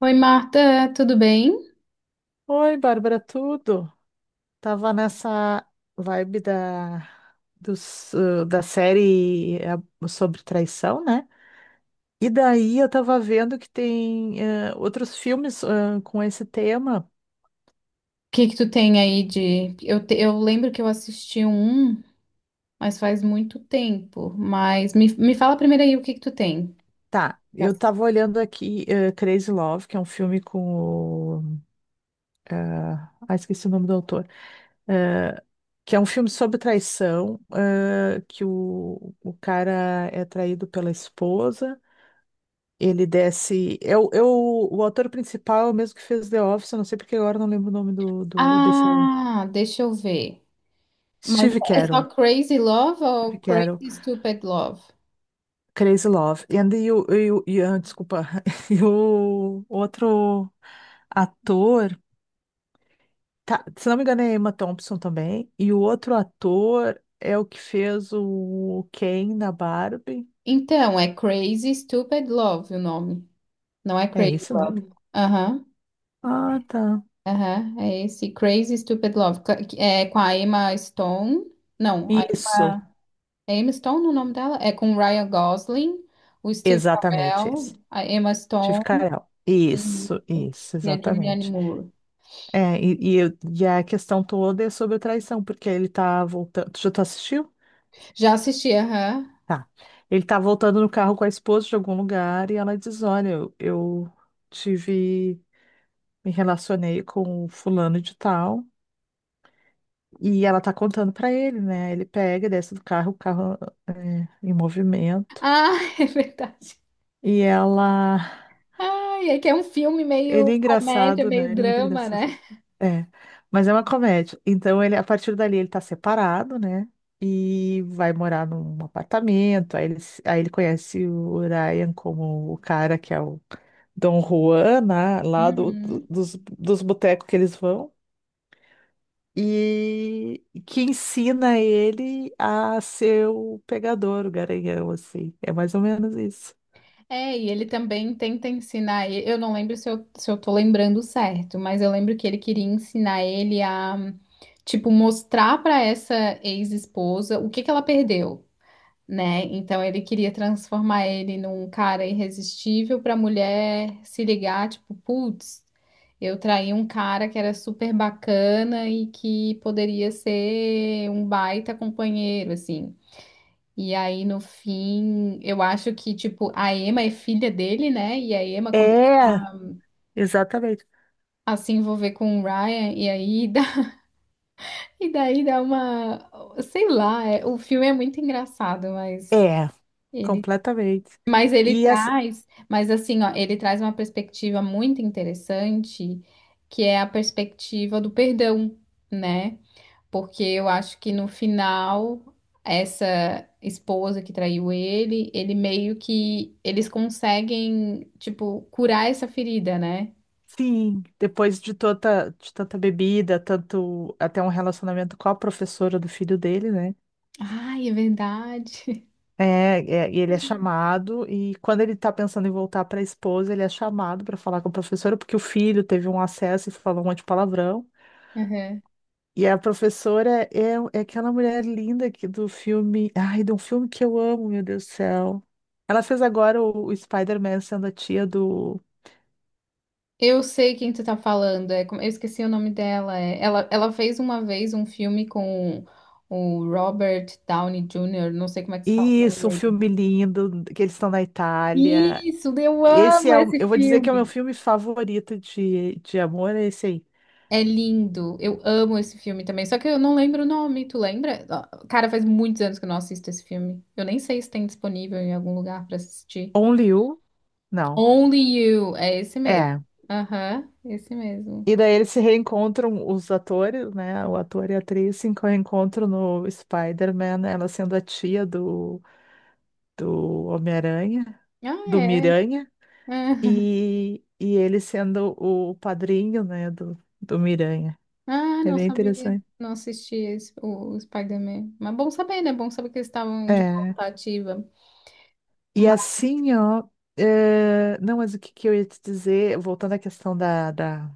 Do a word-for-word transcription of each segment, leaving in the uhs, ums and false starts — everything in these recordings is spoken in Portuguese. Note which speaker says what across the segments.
Speaker 1: Oi, Marta, tudo bem? O
Speaker 2: Oi, Bárbara, tudo? Tava nessa vibe da, dos, uh, da série eh, sobre traição, né? E daí eu tava vendo que tem eh, outros filmes ah, com esse tema.
Speaker 1: que que tu tem aí de... Eu, te- eu lembro que eu assisti um, mas faz muito tempo. Mas me, me fala primeiro aí o que que tu tem.
Speaker 2: Tá, eu tava olhando aqui eh, Crazy Love, que é um filme com o, ah, ah, esqueci o nome do autor. Eh, que é um filme sobre traição, ah, que o, o cara é traído pela esposa. Ele desce. É o, é o, o ator principal, é o mesmo que fez The Office, eu não sei porque agora eu não lembro o nome do, do desse. Ano.
Speaker 1: Ah, deixa eu ver. Mas
Speaker 2: Steve
Speaker 1: é só
Speaker 2: Carell.
Speaker 1: Crazy Love ou
Speaker 2: Steve Carell,
Speaker 1: Crazy Stupid Love?
Speaker 2: Crazy Love. E And you, you, you, ah, desculpa. E o outro ator. Tá, se não me engano, é Emma Thompson também. E o outro ator é o que fez o Ken na Barbie.
Speaker 1: Então, é Crazy Stupid Love o nome. Não é
Speaker 2: É
Speaker 1: Crazy
Speaker 2: esse o
Speaker 1: Love.
Speaker 2: nome?
Speaker 1: Aham,
Speaker 2: Ah, tá.
Speaker 1: aham. É esse Crazy Stupid Love. ca- que é com a Emma Stone. Não, a
Speaker 2: Isso,
Speaker 1: Emma. É Emma Stone o nome dela? É com o Ryan Gosling, o Steve
Speaker 2: exatamente esse.
Speaker 1: Carell, a Emma
Speaker 2: Steve
Speaker 1: Stone
Speaker 2: Carell.
Speaker 1: e
Speaker 2: Isso, isso,
Speaker 1: e a Julianne
Speaker 2: exatamente.
Speaker 1: Moore.
Speaker 2: É, e, e, eu- e a questão toda é sobre a traição, porque ele tá voltando. Tu já tu assistiu?
Speaker 1: Já assisti, aham.
Speaker 2: Tá. Ele tá voltando no carro com a esposa de algum lugar e ela diz: Olha, eu, eu tive. Me relacionei com o fulano de tal. E ela tá contando pra ele, né? Ele pega, desce do carro, o carro é, em movimento.
Speaker 1: Ah, é verdade.
Speaker 2: E ela.
Speaker 1: Ai, é que é um filme meio
Speaker 2: Ele é
Speaker 1: comédia,
Speaker 2: engraçado,
Speaker 1: meio
Speaker 2: né? Ele é muito
Speaker 1: drama,
Speaker 2: engraçado.
Speaker 1: né?
Speaker 2: É, mas é uma comédia. Então ele, a partir dali, ele tá separado, né? E vai morar num apartamento. Aí ele, se- aí ele conhece o Ryan como o cara que é o Dom Juan, né? Lá do, do-
Speaker 1: Uhum.
Speaker 2: dos, dos botecos que eles vão. E que ensina ele a ser o pegador, o garanhão, assim. É mais ou menos isso.
Speaker 1: É, e ele também tenta ensinar. e- Eu não lembro se eu, se eu tô lembrando certo, mas eu lembro que ele queria ensinar ele a, tipo, mostrar pra essa ex-esposa o que que ela perdeu, né? Então ele queria transformar ele num cara irresistível para a mulher se ligar, tipo, putz, eu traí um cara que era super bacana e que poderia ser um baita companheiro, assim. E aí no fim, eu acho que tipo a Emma é filha dele, né? E a Emma começa
Speaker 2: É, exatamente.
Speaker 1: a se envolver com o Ryan e aí dá, e daí dá uma, sei lá, é- o filme é muito engraçado, mas
Speaker 2: É,
Speaker 1: ele
Speaker 2: completamente.
Speaker 1: Mas ele
Speaker 2: E
Speaker 1: traz, mas assim, ó, ele traz uma perspectiva muito interessante, que é a perspectiva do perdão, né? Porque eu acho que no final essa esposa que traiu ele, ele meio que eles conseguem, tipo, curar essa ferida, né?
Speaker 2: sim, depois de tanta, de tanta bebida, tanto até um relacionamento com a professora do filho dele, né?
Speaker 1: Ai, é verdade.
Speaker 2: É, é, e ele é chamado, e quando ele tá pensando em voltar para a esposa, ele é chamado para falar com a professora, porque o filho teve um acesso e falou um monte de palavrão.
Speaker 1: Aham.
Speaker 2: E a professora é, é aquela mulher linda que do filme. Ai, de um filme que eu amo, meu Deus do céu. Ela fez agora o, o Spider-Man sendo a tia do.
Speaker 1: Eu sei quem tu tá falando, é, como- eu esqueci o nome dela. É, ela, ela fez uma vez um filme com o Robert Downey júnior, não sei como é que se fala o nome
Speaker 2: Isso, um
Speaker 1: dele.
Speaker 2: filme lindo, que eles estão na Itália.
Speaker 1: Isso, eu
Speaker 2: Esse
Speaker 1: amo
Speaker 2: é o,
Speaker 1: esse
Speaker 2: eu vou dizer que é o meu
Speaker 1: filme.
Speaker 2: filme favorito de, de amor, é esse aí.
Speaker 1: É lindo, eu amo esse filme também, só que eu não lembro o nome, tu lembra? Ó, cara, faz muitos anos que eu não assisto esse filme. Eu nem sei se tem disponível em algum lugar pra assistir.
Speaker 2: Only You? Não.
Speaker 1: Only You, é esse mesmo.
Speaker 2: É.
Speaker 1: Aham, esse mesmo.
Speaker 2: E daí eles se reencontram, os atores, né? O ator e a atriz se reencontram no Spider-Man, ela sendo a tia do, do Homem-Aranha,
Speaker 1: Ah,
Speaker 2: do
Speaker 1: é.
Speaker 2: Miranha, e, e ele sendo o padrinho, né, do, do Miranha.
Speaker 1: Ah,
Speaker 2: É
Speaker 1: não
Speaker 2: bem
Speaker 1: sabia.
Speaker 2: interessante.
Speaker 1: Não assisti esse, o, o Spider-Man. Mas bom saber, né? Bom saber que eles estavam de
Speaker 2: É.
Speaker 1: volta ativa.
Speaker 2: E
Speaker 1: Mas
Speaker 2: assim, ó. é, Não, mas o que que eu ia te dizer, voltando à questão da, da-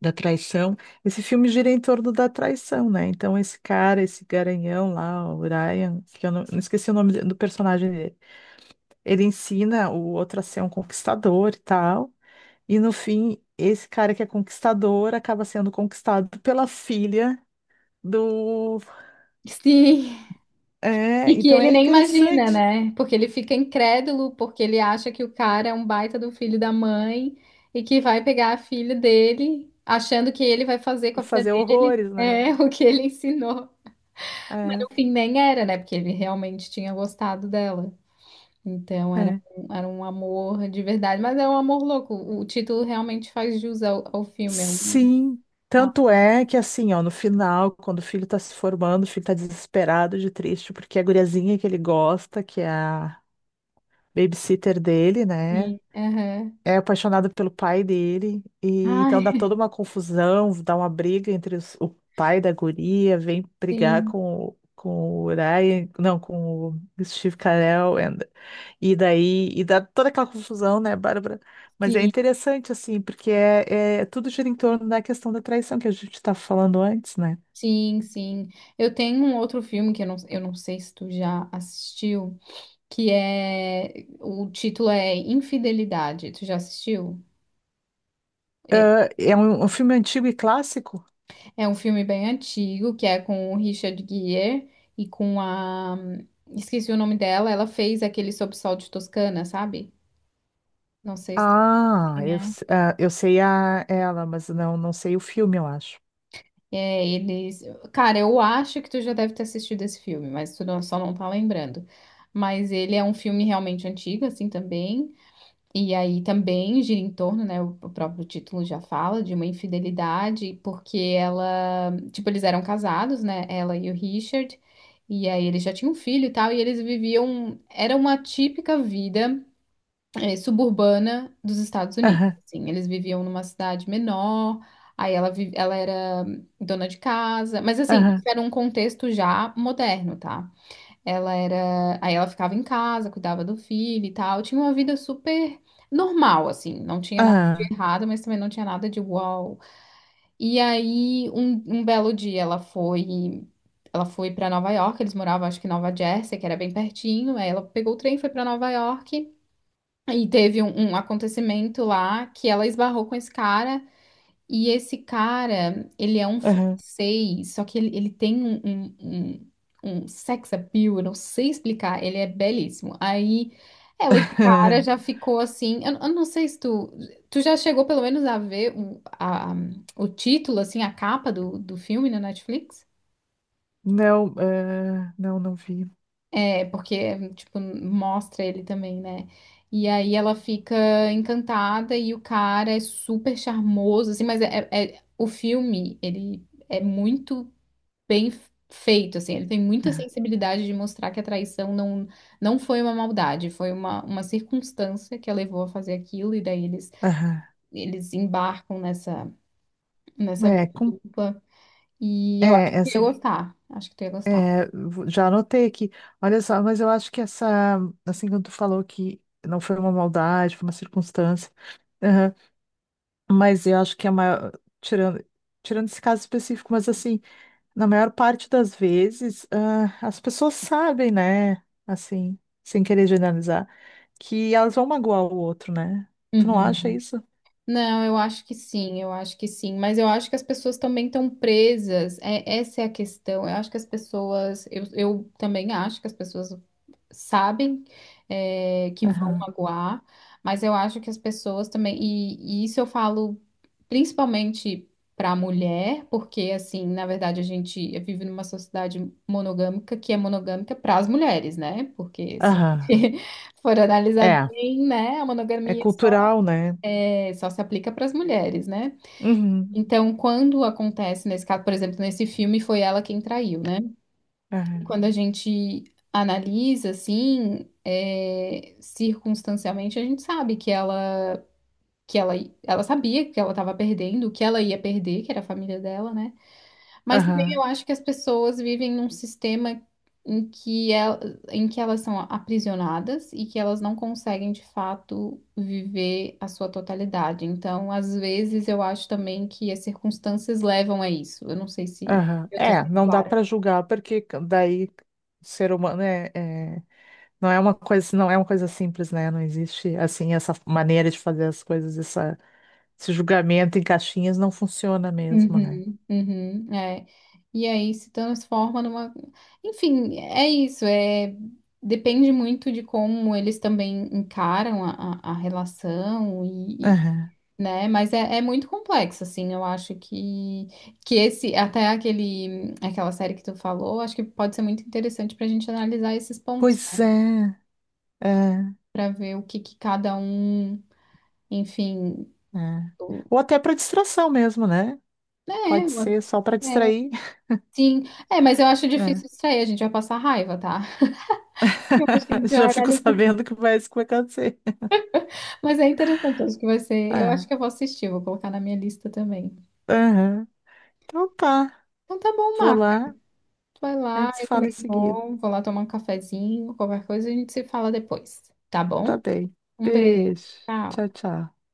Speaker 2: da traição. Esse filme gira em torno da traição, né? Então, esse cara, esse garanhão lá, o Ryan, que eu não, não esqueci o nome de- do personagem dele, ele ensina o outro a ser um conquistador e tal. E no fim, esse cara que é conquistador acaba sendo conquistado pela filha do.
Speaker 1: sim. E
Speaker 2: É,
Speaker 1: que
Speaker 2: então
Speaker 1: ele
Speaker 2: é
Speaker 1: nem imagina,
Speaker 2: interessante.
Speaker 1: né? Porque ele fica incrédulo, porque ele acha que o cara é um baita do filho da mãe e que vai pegar a filha dele, achando que ele vai fazer com
Speaker 2: E
Speaker 1: a filha
Speaker 2: fazer
Speaker 1: dele
Speaker 2: horrores, né?
Speaker 1: é o que ele ensinou. No
Speaker 2: É,
Speaker 1: fim, nem era, né? Porque ele realmente tinha gostado dela. Então era,
Speaker 2: é.
Speaker 1: um- era um amor de verdade, mas é um amor louco. O título realmente faz jus ao, ao filme. É um,
Speaker 2: Sim,
Speaker 1: ao
Speaker 2: tanto é que assim, ó, no final, quando o filho tá se formando, o filho tá desesperado de triste, porque a guriazinha que ele gosta, que é a babysitter dele, né?
Speaker 1: fim. Aham.
Speaker 2: É apaixonado pelo pai dele, e então dá
Speaker 1: Ai,
Speaker 2: toda uma confusão, dá uma briga entre os- o pai da guria, vem brigar
Speaker 1: sim,
Speaker 2: com, o- com o Ryan, não, com o Steve Carell, and- e daí, e dá toda aquela confusão, né, Bárbara? Mas é
Speaker 1: sim,
Speaker 2: interessante, assim, porque é, é- tudo gira em torno da questão da traição que a gente estava falando antes, né?
Speaker 1: sim, sim. Eu tenho um outro filme que eu não, eu não sei se tu já assistiu, que é. O título é Infidelidade. Tu já assistiu? E-
Speaker 2: Ah, é um, um filme antigo e clássico?
Speaker 1: É um filme bem antigo, que é com o Richard Gere e com a. Esqueci o nome dela, ela fez aquele Sob Sol de Toscana, sabe? Não sei se.
Speaker 2: Ah, eu,
Speaker 1: É,
Speaker 2: s- ah, eu sei a, ela, mas não, não sei o filme, eu acho.
Speaker 1: é, eles. Cara, eu acho que tu já deve ter assistido esse filme, mas tu não- só não tá lembrando. Mas ele é um filme realmente antigo, assim também. E aí também gira em torno, né? O o próprio título já fala de uma infidelidade, porque ela. Tipo, eles eram casados, né? Ela e o Richard. E aí eles já tinham um filho e tal, e eles viviam. Era uma típica vida, é, suburbana dos Estados Unidos.
Speaker 2: Aham,
Speaker 1: Assim, eles viviam numa cidade menor, aí ela, vi- ela era dona de casa, mas assim, isso
Speaker 2: aham.
Speaker 1: era um contexto já moderno, tá? Ela era, aí ela ficava em casa, cuidava do filho e tal, tinha uma vida super normal, assim, não tinha nada
Speaker 2: Ah,
Speaker 1: de errado, mas também não tinha nada de uau. E aí, um, um belo dia, ela foi Ela foi para Nova York, eles moravam, acho que em Nova Jersey, que era bem pertinho. Aí ela pegou o trem, foi para Nova York. E teve um, um acontecimento lá que ela esbarrou com esse cara, e esse cara, ele é um
Speaker 2: aham.
Speaker 1: francês, só que ele, ele tem um, um, um- um sex appeal, eu não sei explicar, ele é belíssimo. Aí ela de cara já ficou assim, eu, eu não sei se tu, tu já chegou pelo menos a ver o, a- o título, assim, a capa do, do filme na Netflix?
Speaker 2: Não, ah, não, não vi.
Speaker 1: É, porque, tipo, mostra ele também, né? E aí ela fica encantada e o cara é super charmoso, assim, mas é, é- é, o filme, ele é muito bem f- feito, assim, ele tem muita
Speaker 2: Ah,
Speaker 1: sensibilidade de mostrar que a traição não, não foi uma maldade, foi uma, uma circunstância que a levou a fazer aquilo, e daí eles,
Speaker 2: aham.
Speaker 1: eles embarcam nessa, nessa
Speaker 2: É,
Speaker 1: vida
Speaker 2: com,
Speaker 1: dupla. E eu acho
Speaker 2: é,
Speaker 1: que eu
Speaker 2: essa
Speaker 1: ia
Speaker 2: que-
Speaker 1: gostar, acho que tu ia gostar.
Speaker 2: é, vo- já anotei aqui. Olha só, mas eu acho que essa, assim, quando tu falou que não foi uma maldade, foi uma circunstância, aham, mas eu acho que a maior, tirando, tirando esse caso específico, mas assim, na maior parte das vezes, ah, as pessoas sabem, né, assim, sem querer generalizar, que elas vão magoar o outro, né? Tu não
Speaker 1: Uhum.
Speaker 2: acha isso?
Speaker 1: Não, eu acho que sim, eu acho que sim, mas eu acho que as pessoas também estão presas, é, essa é a questão. Eu acho que as pessoas, eu, eu também acho que as pessoas sabem é, que vão magoar, mas eu acho que as pessoas também, e, e isso eu falo principalmente para a mulher, porque assim, na verdade a gente vive numa sociedade monogâmica que é monogâmica para as mulheres, né? Porque se
Speaker 2: Aham.
Speaker 1: for analisar
Speaker 2: É,
Speaker 1: bem, né, a
Speaker 2: é
Speaker 1: monogamia
Speaker 2: cultural, né?
Speaker 1: é, só se aplica para as mulheres, né?
Speaker 2: Uhum.
Speaker 1: Então, quando acontece nesse caso, por exemplo, nesse filme foi ela quem traiu, né?
Speaker 2: Aham.
Speaker 1: Quando a gente analisa assim, é, circunstancialmente, a gente sabe que ela que ela, ela sabia que ela estava perdendo, o que ela ia perder, que era a família dela, né? Mas também eu
Speaker 2: Aham.
Speaker 1: acho que as pessoas vivem num sistema em que, el- em que elas são aprisionadas e que elas não conseguem, de fato, viver a sua totalidade. Então, às vezes, eu acho também que as circunstâncias levam a isso. Eu não sei se
Speaker 2: Aham.
Speaker 1: eu estou
Speaker 2: É,
Speaker 1: sendo
Speaker 2: não dá
Speaker 1: clara.
Speaker 2: para julgar porque daí o ser humano é, é- não é uma coisa, não é uma coisa simples, né? Não existe assim essa maneira de fazer as coisas, essa, esse julgamento em caixinhas não funciona mesmo, né?
Speaker 1: Uhum, uhum, é. E aí se transforma numa. Enfim, é isso. É... Depende muito de como eles também encaram a, a- a relação,
Speaker 2: Aham.
Speaker 1: né? Mas é, é muito complexo, assim. Eu acho que que esse até aquele aquela série que tu falou, acho que pode ser muito interessante para a gente analisar esses pontos,
Speaker 2: Pois
Speaker 1: né?
Speaker 2: é, é,
Speaker 1: Para ver o que, que cada um, enfim,
Speaker 2: é.
Speaker 1: o-
Speaker 2: Ou até para distração mesmo, né?
Speaker 1: né?
Speaker 2: Pode ser só para
Speaker 1: o- É,
Speaker 2: distrair.
Speaker 1: sim, é, mas eu acho
Speaker 2: É.
Speaker 1: difícil isso aí, a gente vai passar raiva, tá? Eu acho que a gente
Speaker 2: Já
Speaker 1: vai
Speaker 2: fico
Speaker 1: analisar.
Speaker 2: sabendo que vai isso que vai acontecer.
Speaker 1: Mas é interessante, acho que vai ser. Eu acho
Speaker 2: É.
Speaker 1: que eu vou assistir, vou colocar na minha lista também.
Speaker 2: Aham. Então tá,
Speaker 1: Então tá bom,
Speaker 2: vou
Speaker 1: Marco.
Speaker 2: lá,
Speaker 1: Tu vai
Speaker 2: a
Speaker 1: lá,
Speaker 2: gente se
Speaker 1: eu
Speaker 2: fala em
Speaker 1: também
Speaker 2: seguida.
Speaker 1: vou, vou lá tomar um cafezinho, qualquer coisa a gente se fala depois, tá
Speaker 2: Tá
Speaker 1: bom?
Speaker 2: bem.
Speaker 1: Um beijo.
Speaker 2: Beijo.
Speaker 1: Tchau.
Speaker 2: Tchau, tchau.